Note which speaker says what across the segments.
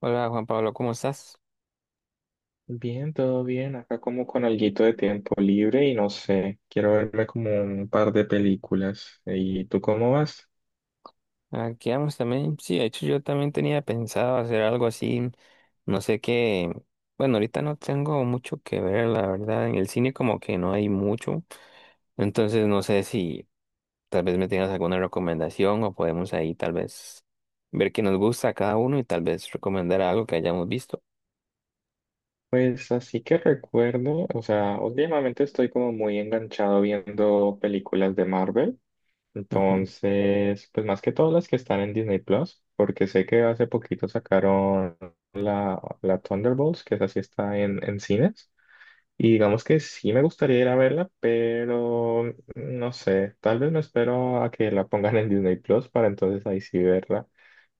Speaker 1: Hola Juan Pablo, ¿cómo estás?
Speaker 2: Bien, todo bien. Acá como con alguito de tiempo libre y no sé, quiero verme como un par de películas. ¿Y tú cómo vas?
Speaker 1: Aquí vamos también. Sí, de hecho yo también tenía pensado hacer algo así, no sé qué. Bueno, ahorita no tengo mucho que ver, la verdad. En el cine como que no hay mucho. Entonces no sé si tal vez me tengas alguna recomendación o podemos ahí tal vez ver qué nos gusta a cada uno y tal vez recomendar algo que hayamos visto.
Speaker 2: Pues así que recuerdo, o sea, últimamente estoy como muy enganchado viendo películas de Marvel.
Speaker 1: Ujú,
Speaker 2: Entonces, pues más que todas las que están en Disney Plus, porque sé que hace poquito sacaron la Thunderbolts, que esa sí está en cines. Y digamos que sí me gustaría ir a verla, pero no sé, tal vez me espero a que la pongan en Disney Plus para entonces ahí sí verla.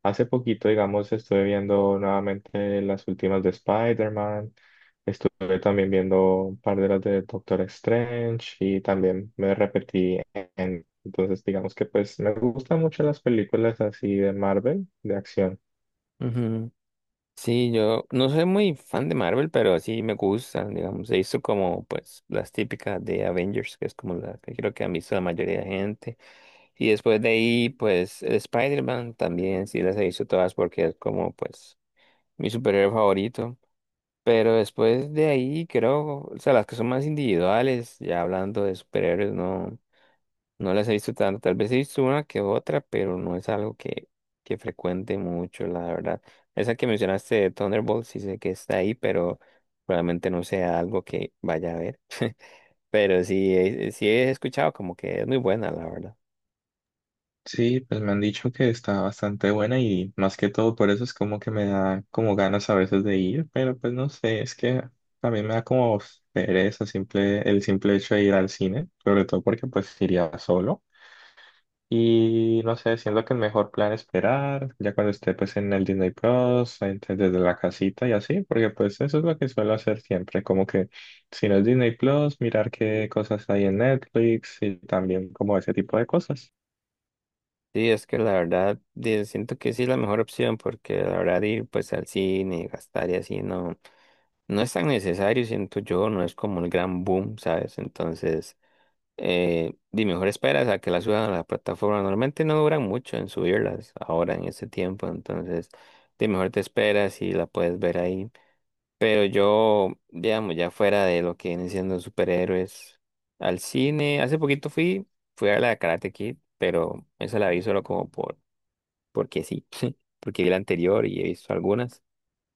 Speaker 2: Hace poquito, digamos, estuve viendo nuevamente las últimas de Spider-Man, estuve también viendo un par de las de Doctor Strange y también me repetí en… Entonces, digamos que pues me gustan mucho las películas así de Marvel, de acción.
Speaker 1: ujú. Sí, yo no soy muy fan de Marvel, pero sí me gustan, digamos. He visto como, pues, las típicas de Avengers, que es como la que creo que han visto la mayoría de gente. Y después de ahí, pues, el Spider-Man también, sí las he visto todas porque es como, pues, mi superhéroe favorito. Pero después de ahí, creo, o sea, las que son más individuales, ya hablando de superhéroes, no. No las he visto tanto, tal vez he visto una que otra, pero no es algo que frecuente mucho, la verdad. Esa que mencionaste de Thunderbolt, sí sé que está ahí, pero probablemente no sea algo que vaya a ver. Pero sí, sí he escuchado como que es muy buena, la verdad.
Speaker 2: Sí, pues me han dicho que está bastante buena y más que todo por eso es como que me da como ganas a veces de ir, pero pues no sé, es que también me da como pereza simple, el simple hecho de ir al cine, sobre todo porque pues iría solo y no sé, siento que el mejor plan es esperar ya cuando esté pues en el Disney Plus, desde la casita y así, porque pues eso es lo que suelo hacer siempre, como que si no es Disney Plus, mirar qué cosas hay en Netflix y también como ese tipo de cosas.
Speaker 1: Sí, es que la verdad, siento que sí es la mejor opción, porque la verdad ir pues al cine, y gastar y así, no, no es tan necesario, siento yo, no es como el gran boom, ¿sabes? Entonces... Y mejor esperas a que las suban a la plataforma. Normalmente no duran mucho en subirlas ahora en este tiempo, entonces de mejor te esperas y la puedes ver ahí. Pero yo, digamos, ya fuera de lo que vienen siendo superhéroes, al cine, hace poquito fui a ver la de Karate Kid, pero esa la vi solo como porque sí, porque vi la anterior y he visto algunas,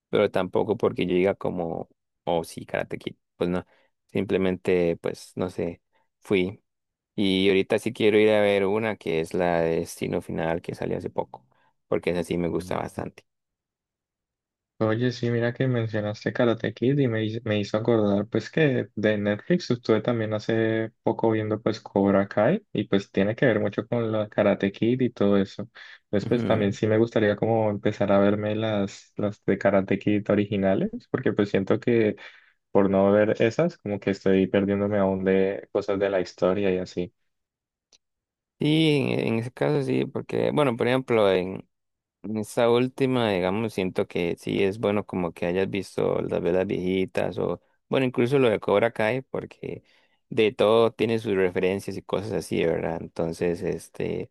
Speaker 1: pero tampoco porque yo diga como, oh sí, Karate Kid, pues no, simplemente, pues no sé, fui. Y ahorita sí quiero ir a ver una que es la de Destino Final que salió hace poco, porque esa sí me gusta bastante.
Speaker 2: Oye, sí, mira que mencionaste Karate Kid y me hizo acordar pues que de Netflix estuve también hace poco viendo pues Cobra Kai y pues tiene que ver mucho con la Karate Kid y todo eso. Entonces pues también
Speaker 1: Ujú.
Speaker 2: sí me gustaría como empezar a verme las de Karate Kid originales porque pues siento que por no ver esas como que estoy perdiéndome aún de cosas de la historia y así.
Speaker 1: Sí, en ese caso sí, porque, bueno, por ejemplo, en esta última, digamos, siento que sí es bueno como que hayas visto las velas viejitas o, bueno, incluso lo de Cobra Kai, porque de todo tiene sus referencias y cosas así, ¿verdad? Entonces, este...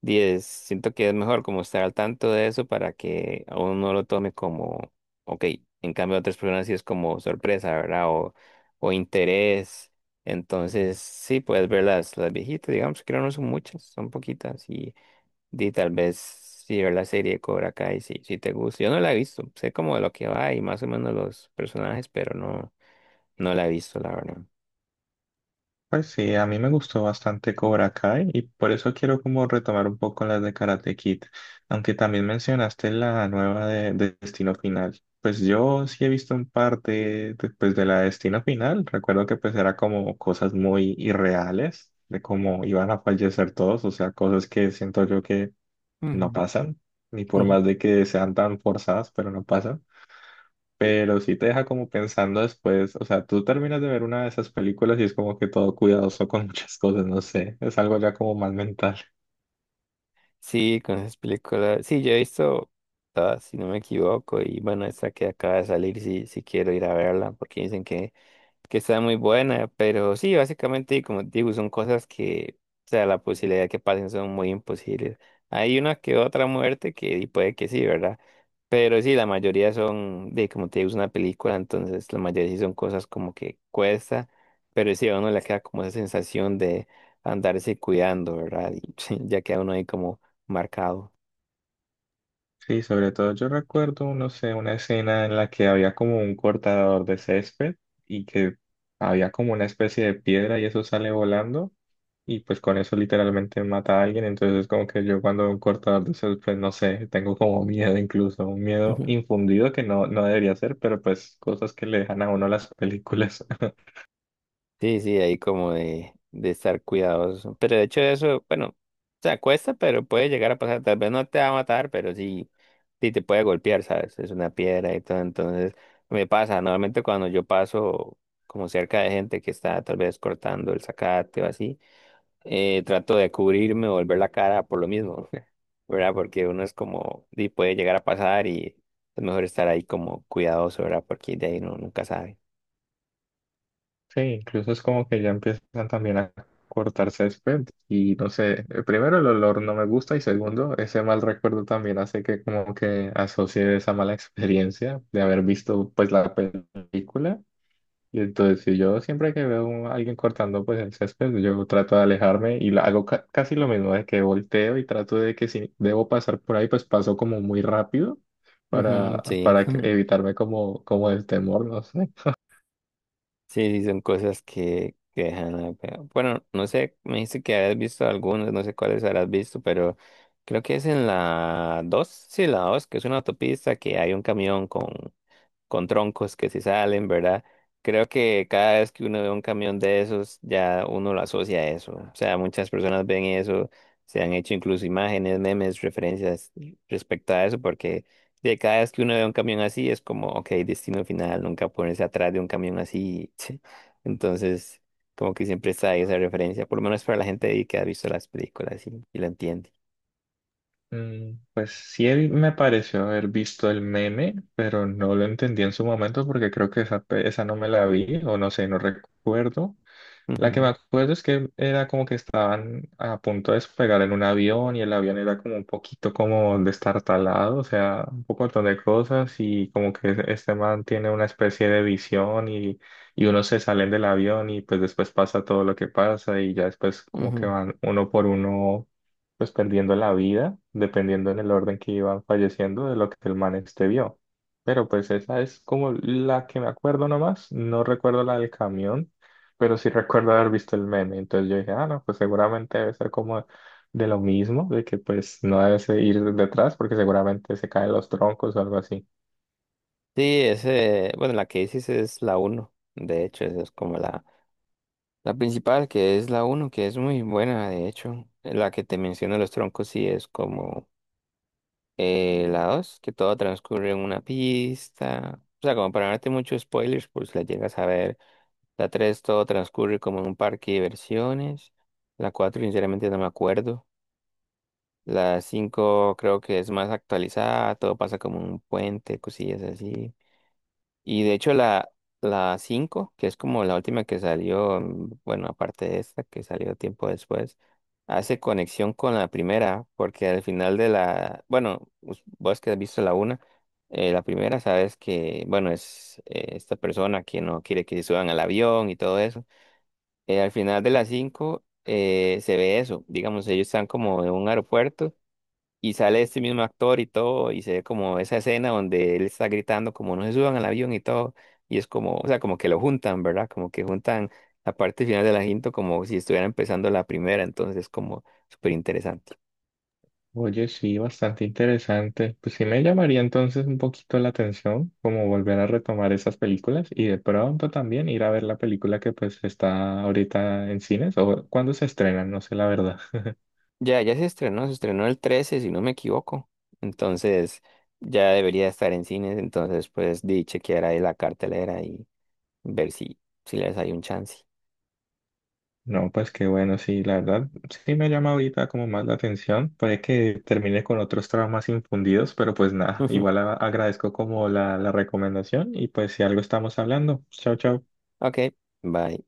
Speaker 1: 10 siento que es mejor como estar al tanto de eso para que a uno no lo tome como, ok, en cambio otras personas sí es como sorpresa, ¿verdad? O interés. Entonces, sí, puedes ver las viejitas, digamos, que no son muchas, son poquitas. Y tal vez si ver la serie de Cobra Kai, si, si te gusta. Yo no la he visto, sé como de lo que va y más o menos los personajes, pero no, no la he visto, la verdad.
Speaker 2: Pues sí, a mí me gustó bastante Cobra Kai y por eso quiero como retomar un poco las de Karate Kid, aunque también mencionaste la nueva de Destino Final. Pues yo sí he visto un par de la de Destino Final, recuerdo que pues era como cosas muy irreales, de cómo iban a fallecer todos, o sea, cosas que siento yo que no
Speaker 1: Ujú.
Speaker 2: pasan, ni por más de que sean tan forzadas, pero no pasan, pero sí te deja como pensando después, o sea, tú terminas de ver una de esas películas y es como que todo cuidadoso con muchas cosas, no sé, es algo ya como más mental.
Speaker 1: Sí, con esas películas. Sí, yo he visto todas, si no me equivoco. Y bueno, esta que acaba de salir, sí, sí quiero ir a verla, porque dicen que está muy buena, pero sí, básicamente, como te digo, son cosas que, o sea, la posibilidad de que pasen son muy imposibles. Hay una que otra muerte que y puede que sí, ¿verdad? Pero sí, la mayoría son, de como te digo, es una película, entonces la mayoría sí son cosas como que cuesta, pero sí a uno le queda como esa sensación de andarse cuidando, ¿verdad? Y ya queda uno ahí como marcado.
Speaker 2: Sí, sobre todo yo recuerdo, no sé, una escena en la que había como un cortador de césped y que había como una especie de piedra y eso sale volando y pues con eso literalmente mata a alguien, entonces es como que yo cuando veo un cortador de césped, no sé, tengo como miedo incluso, un miedo infundido que no, no debería ser, pero pues cosas que le dejan a uno las películas.
Speaker 1: Sí, sí, ahí como de estar cuidadoso. Pero de hecho eso, bueno, se acuesta, pero puede llegar a pasar. Tal vez no te va a matar, pero sí, sí te puede golpear, ¿sabes? Es una piedra y todo. Entonces, me pasa, normalmente cuando yo paso como cerca de gente que está tal vez cortando el zacate o así, trato de cubrirme o volver la cara por lo mismo, ¿verdad? Porque uno es como, sí, puede llegar a pasar y es mejor estar ahí como cuidadoso, ¿verdad? Porque de ahí uno nunca sabe.
Speaker 2: Sí, incluso es como que ya empiezan también a cortar césped y no sé, primero el olor no me gusta y segundo, ese mal recuerdo también hace que como que asocie esa mala experiencia de haber visto pues la película. Y entonces si yo siempre que veo a alguien cortando pues el césped, yo trato de alejarme y hago casi lo mismo de que volteo y trato de que si debo pasar por ahí, pues paso como muy rápido
Speaker 1: Ujú,
Speaker 2: para,
Speaker 1: sí.
Speaker 2: evitarme como, como el temor, no sé.
Speaker 1: Sí, sí, son cosas que dejan. Bueno, no sé, me dijiste que habías visto algunas, no sé cuáles habrás visto, pero creo que es en la 2. Sí, la 2, que es una autopista que hay un camión con troncos que se salen, ¿verdad? Creo que cada vez que uno ve un camión de esos, ya uno lo asocia a eso. O sea, muchas personas ven eso, se han hecho incluso imágenes, memes, referencias respecto a eso, porque de cada vez que uno ve un camión así es como, ok, destino final, nunca ponerse atrás de un camión así. Entonces, como que siempre está ahí esa referencia, por lo menos para la gente ahí que ha visto las películas y lo entiende.
Speaker 2: Mm, pues sí me pareció haber visto el meme, pero no lo entendí en su momento porque creo que esa, esa no me la vi o no sé, no recuerdo. La que me
Speaker 1: Ujú,
Speaker 2: acuerdo es que era como que estaban a punto de despegar en un avión y el avión era como un poquito como destartalado, o sea, un poco montón de cosas y como que este man tiene una especie de visión y uno se salen del avión y pues después pasa todo lo que pasa y ya después como que
Speaker 1: ujú.
Speaker 2: van uno por uno pues perdiendo la vida, dependiendo en el orden que iban falleciendo de lo que el man este vio. Pero pues esa es como la que me acuerdo nomás, no recuerdo la del camión, pero sí recuerdo haber visto el meme, entonces yo dije, ah, no, pues seguramente debe ser como de lo mismo, de que pues no debes ir detrás porque seguramente se caen los troncos o algo así.
Speaker 1: Sí, ese, bueno, la que dices es la uno, de hecho, esa es como la principal, que es la uno que es muy buena, de hecho, la que te menciono los troncos, sí es como la 2 que todo transcurre en una pista. O sea, como para no darte muchos spoilers, pues la llegas a ver. La 3 todo transcurre como en un parque de diversiones. La 4 sinceramente, no me acuerdo. La 5 creo que es más actualizada, todo pasa como en un puente, cosillas así. Y de hecho la 5 que es como la última que salió, mm, bueno, aparte de esta que salió tiempo después, hace conexión con la primera, porque al final de la, bueno, vos que has visto la una, la primera sabes que, bueno, es esta persona que no quiere que se suban al avión y todo eso. Al final de la 5 se ve eso, digamos, ellos están como en un aeropuerto y sale este mismo actor y todo, y se ve como esa escena donde él está gritando como no se suban al avión y todo, y es como, o sea, como que lo juntan, ¿verdad? Como que juntan la parte final de la cinta como si estuviera empezando la primera, entonces es como súper interesante.
Speaker 2: Oye, sí, bastante interesante. Pues sí me llamaría entonces un poquito la atención, como volver a retomar esas películas y de pronto también ir a ver la película que pues está ahorita en cines o cuando se estrenan, no sé la verdad.
Speaker 1: Ya, ya se estrenó el 13 si no me equivoco, entonces ya debería estar en cines, entonces pues di chequear ahí la cartelera y ver si, si les hay un chance.
Speaker 2: No, pues qué bueno, sí, la verdad sí me llama ahorita como más la atención, puede que termine con otros traumas infundidos, pero pues nada, igual agradezco como la recomendación y pues si algo estamos hablando. Chao, chao.
Speaker 1: Ok, bye.